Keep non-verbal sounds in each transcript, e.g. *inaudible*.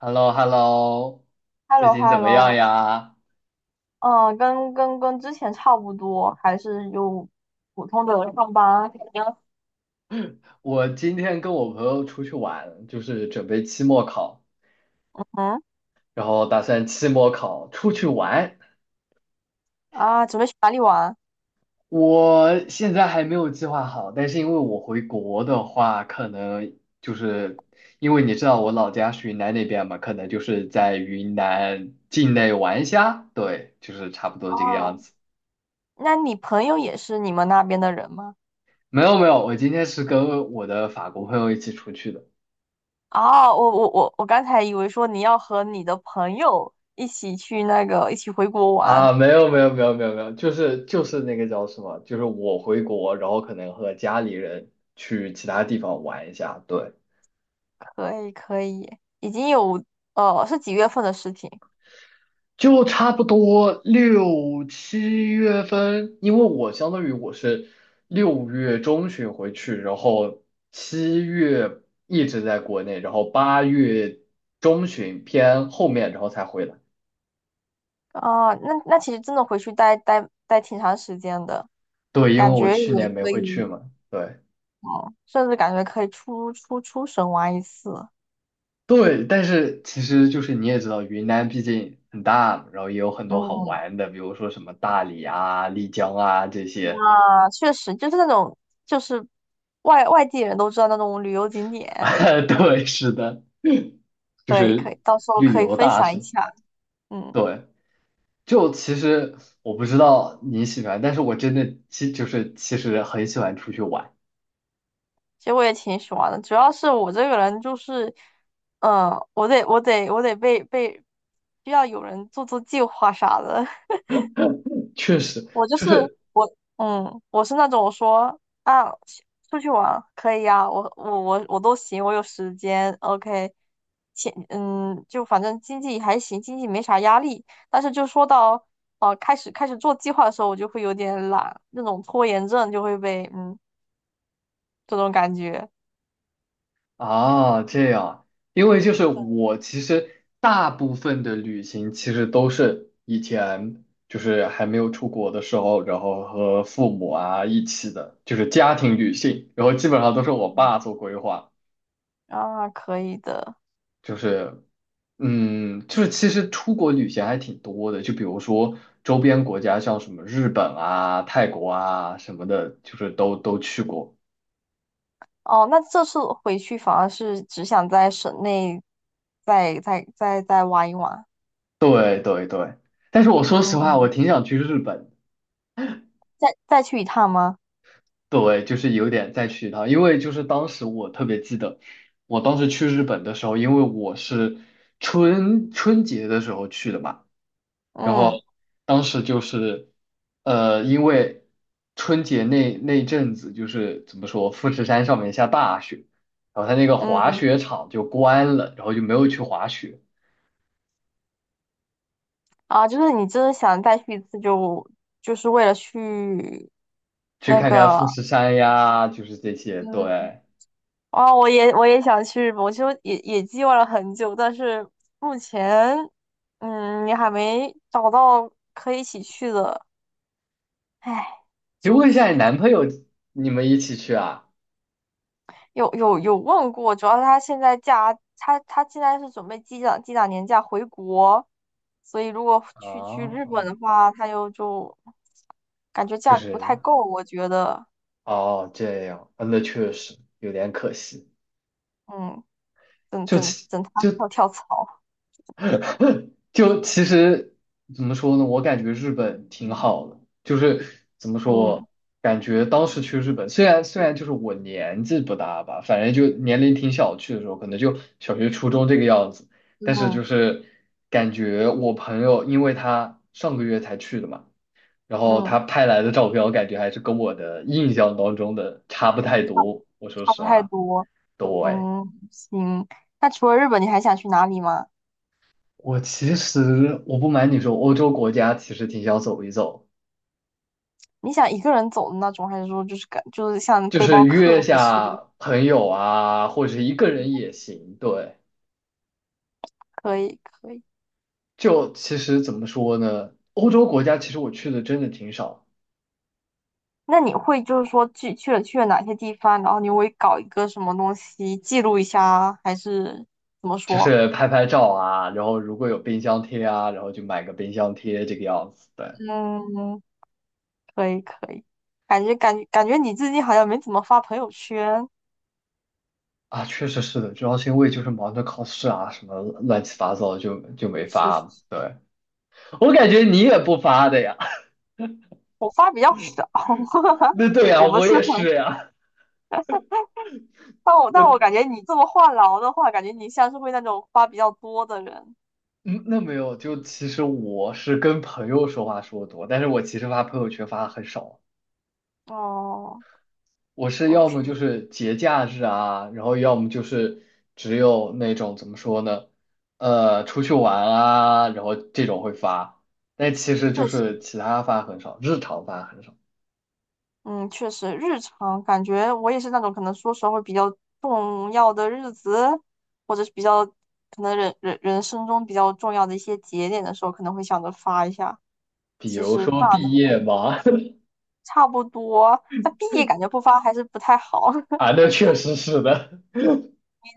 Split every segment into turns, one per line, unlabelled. h e l l o h e l l o
h e l l
最
o h
近怎
e l l
么
o。
样呀？
嗯，跟之前差不多，还是有普通的上班。
我今天跟我朋友出去玩，就是准备期末考，
嗯
然后打算期末考出去玩。
啊，准备去哪里玩？
我现在还没有计划好，但是因为我回国的话，可能就是因为你知道我老家是云南那边嘛，可能就是在云南境内玩一下，对，就是差不多这个样
哦，
子。
那你朋友也是你们那边的人吗？
没有没有，我今天是跟我的法国朋友一起出去的。
哦，我刚才以为说你要和你的朋友一起去那个一起回国玩。
啊，没有没有没有没有没有，就是那个叫什么，就是我回国，然后可能和家里人去其他地方玩一下，对，
可以可以，已经有，是几月份的事情？
就差不多6、7月份，因为我相当于我是6月中旬回去，然后七月一直在国内，然后8月中旬偏后面，然后才回来。
哦，那其实真的回去待挺长时间的，
对，因为
感
我
觉也
去年没
可
回去
以。
嘛，对。
哦，甚至感觉可以出省玩一次。
对，但是其实就是你也知道，云南毕竟很大嘛然后也有很多好
嗯，
玩的，比如说什么大理啊、丽江啊这些。
啊，确实就是那种，就是外地人都知道那种旅游景
*laughs*
点。
啊，对，是的，就
可以可
是
以，到时候
旅
可以
游
分
大
享一
省。
下。嗯，
对，就其实我不知道你喜欢，但是我真的其就是其实很喜欢出去玩，
其实我也挺喜欢的，主要是我这个人就是，嗯，我得被需要有人做做计划啥的。*laughs*
确实。
我就是
就是。
我，嗯，我是那种我说啊，出去玩可以呀、我都行，我有时间，OK，钱，嗯，就反正经济还行，经济没啥压力。但是就说到开始做计划的时候，我就会有点懒，那种拖延症就会被这种感觉。
啊，这样，因为就是我其实大部分的旅行其实都是以前就是还没有出国的时候，然后和父母啊一起的，就是家庭旅行，然后基本上都是我
嗯，
爸做规划，
啊，可以的。
就是嗯，就是其实出国旅行还挺多的，就比如说周边国家像什么日本啊、泰国啊什么的，就是都去过。
哦，那这次回去反而是只想在省内再玩一玩。
对对对，但是我说实话，我
嗯，
挺想去日本的
再去一趟吗？
对，就是有点再去一趟，因为就是当时我特别记得，我当时去日本的时候，因为我是春节的时候去的嘛，然后
嗯
当时就是，因为春节那一阵子就是怎么说，富士山上面下大雪，然后它那个滑
嗯
雪场就关了，然后就没有去滑雪，
啊，就是你真的想再去一次就，就是为了去
去
那
看看富
个。
士山呀，就是这些。
嗯，
对，
啊，我也想去日本，我就也计划了很久，但是目前，嗯，你还没找到可以一起去的，唉，
可以
纠
问一下你男
结。
朋友，你们一起去啊？
有有有问过，主要是他现在假，他现在是准备积攒积攒年假回国，所以如果去
哦，
日本的话，他又就感觉
就
假不
是。
太够，我觉得。
哦，这样，啊那确实有点可惜。
嗯，等
就
等
其
等他跳跳槽。
*clears throat* 就其实怎么说呢？我感觉日本挺好的，就是怎么说，
嗯
感觉当时去日本，虽然就是我年纪不大吧，反正就年龄挺小，去的时候可能就小学、初中这个样子，但是就
嗯
是感觉我朋友，因为他上个月才去的嘛，然后他
嗯，
拍来的照片，我感觉还是跟我的印象当中的差不太多。我说
差
实
不太
话，
多。
对。
嗯，行。那除了日本，你还想去哪里吗？
我其实我不瞒你说，欧洲国家其实挺想走一走，
你想一个人走的那种，还是说就是像
就
背
是
包
约
客，还是
下朋友啊，或者是一个人也行。对，
可以可以？
就其实怎么说呢，欧洲国家其实我去的真的挺少，
那你会就是说去了哪些地方，然后你会搞一个什么东西记录一下啊，还是怎么
就
说？
是拍拍照啊，然后如果有冰箱贴啊，然后就买个冰箱贴这个样子。对，
嗯，可以可以。感觉你最近好像没怎么发朋友圈。
啊，确实是的，主要是因为就是忙着考试啊，什么乱七八糟就没
是是
发。
是，
对，我感觉你也不发的呀。
我发比较少。
*laughs* 那
*laughs*
对呀，
我不
我
是
也
很，
是呀。
但我
我。
感觉你这么话痨的话，感觉你像是会那种发比较多的人。
嗯，那没有，就其实我是跟朋友说话说的多，但是我其实发朋友圈发的很少，
哦
我是要
，OK，
么就是节假日啊，然后要么就是只有那种怎么说呢，出去玩啊，然后这种会发，但其实就
确实。
是其他发很少，日常发很少，
嗯，确实，日常感觉我也是那种可能说实话会比较重要的日子，或者是比较可能人生中比较重要的一些节点的时候，可能会想着发一下。
比
其
如
实
说
发的
毕业嘛，*laughs*
差不多，但毕业感觉不发还是不太好。
啊，
*laughs*
那确实是的，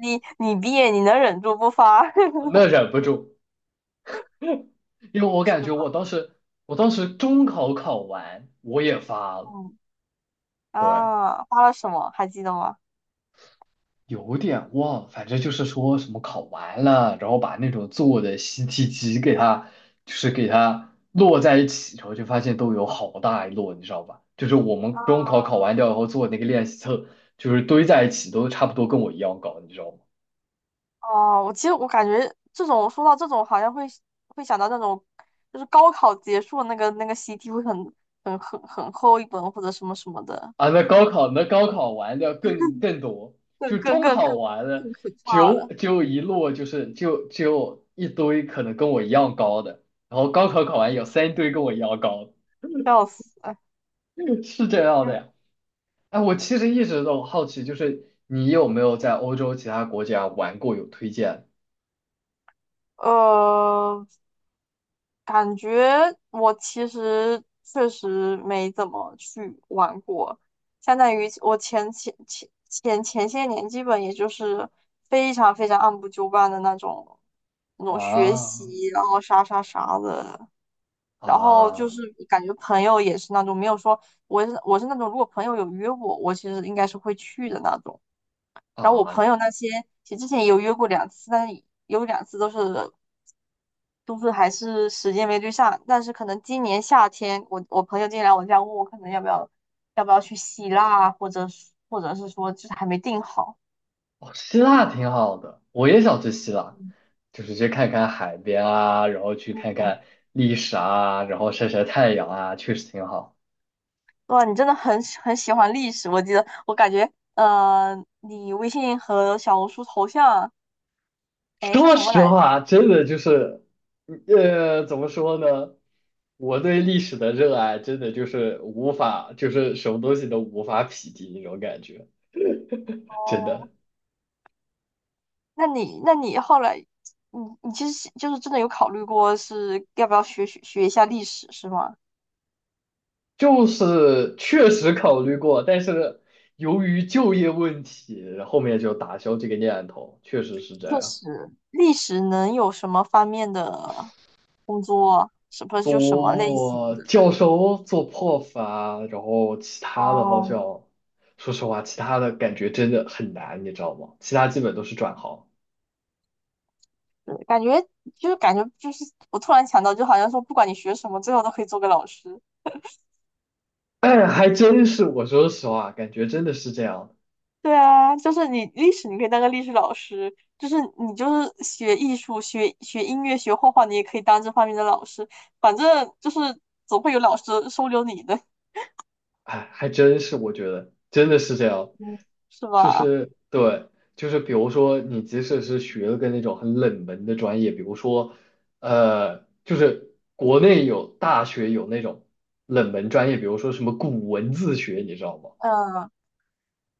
你毕业你能忍住不发？
那忍不住，因为
*laughs*
我感
是
觉我
吧？
当时中考考完我也发了，
嗯
对。
啊，发了什么还记得吗？
有点忘，反正就是说什么考完了，然后把那种做的习题集给它，就是给它摞在一起，然后就发现都有好大一摞，你知道吧？就是我们中考考完掉以后做那个练习册，就是堆在一起都差不多跟我一样高，你知道吗？
哦，我其实我感觉这种说到这种，好像会想到那种，就是高考结束那个习题会很厚一本或者什么什么的，
啊，那高考完的更多，就
更更
中
更
考
更
完了，
更可怕
就
了，
就一摞，就是就一堆可能跟我一样高的，然后高考考完有三堆跟我一样高的，
笑死！哎，
*laughs* 是这样的呀。哎，我其实一直都好奇，就是你有没有在欧洲其他国家玩过？有推荐
呃，感觉我其实确实没怎么去玩过，相当于我前些年基本也就是非常非常按部就班的那种学习，
啊
然后啥的，然后就
啊
是感觉朋友也是那种没有说我是那种如果朋友有约我，我其实应该是会去的那种。然后我
啊！
朋友那些，其实之前也有约过两次，但是有两次都是还是时间没对上，但是可能今年夏天，我朋友今天来我家问我，可能要不要去希腊啊，或者是说就是还没定好。
哦，希腊挺好的，我也想去希腊，
嗯
就是去看看海边啊，然后去看看历史啊，然后晒晒太阳啊，确实挺好。
哇，你真的很喜欢历史，我记得我感觉，呃，你微信和小红书头像，哎，是
说
什么
实
来着？
话，真的就是，怎么说呢？我对历史的热爱真的就是无法，就是什么东西都无法匹敌那种感觉，真
哦，
的。
那你后来，你其实就是真的有考虑过是要不要学一下历史是吗？
就是确实考虑过，但是由于就业问题，后面就打消这个念头。确实是这
确
样，
实，历史能有什么方面的工作，什么就什么类型
做
的。
教授、做 prof 啊，然后其他的好
哦，
像，说实话，其他的感觉真的很难，你知道吗？其他基本都是转行。
对，感觉就是，我突然想到，就好像说，不管你学什么，最后都可以做个老师。
*coughs* 哎，还真是，我说实话，感觉真的是这样。
对啊，就是你历史，你可以当个历史老师；就是你就是学艺术、学音乐、学画画，你也可以当这方面的老师。反正就是总会有老师收留你的。
哎，还真是，我觉得真的是这样，
嗯，是
就
吧？
是对，就是比如说你即使是学了个那种很冷门的专业，比如说，就是国内有大学有那种冷门专业，比如说什么古文字学，你知道吗？
嗯，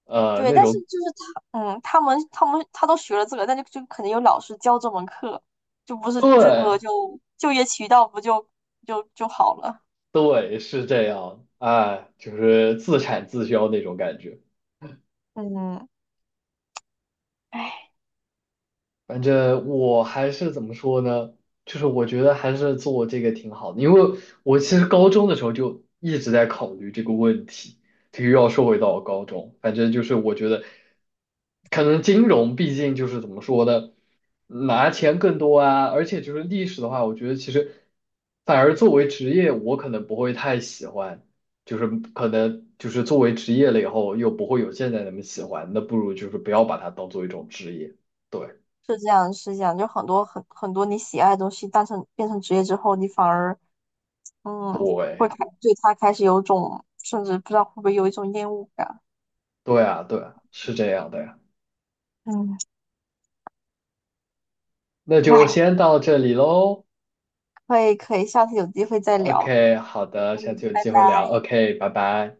对，
那
但是
种
就是他，嗯，他们他们他都学了这个，但就可能有老师教这门课，就不是这个
对
就就业渠道不就好了。
对是这样，哎，就是自产自销那种感觉。
嗯，唉，
反正我还是怎么说呢？就是我觉得还是做这个挺好的，因为我其实高中的时候就一直在考虑这个问题。这个又要说回到我高中，反正就是我觉得，可能金融毕竟就是怎么说呢，拿钱更多啊，而且就是历史的话，我觉得其实反而作为职业，我可能不会太喜欢，就是可能就是作为职业了以后，又不会有现在那么喜欢，那不如就是不要把它当做一种职业。对。
是这样是这样，就很多很多你喜爱的东西，变成职业之后，你反而嗯会
对，
开对他开始有种甚至不知道会不会有一种厌恶感。
对啊，对啊，是这样的呀。
嗯，
那就
哎，
先到这里喽。
可以可以，下次有机会再聊。
OK，好的，下次
嗯，
有
拜
机会聊。
拜。
OK，拜拜。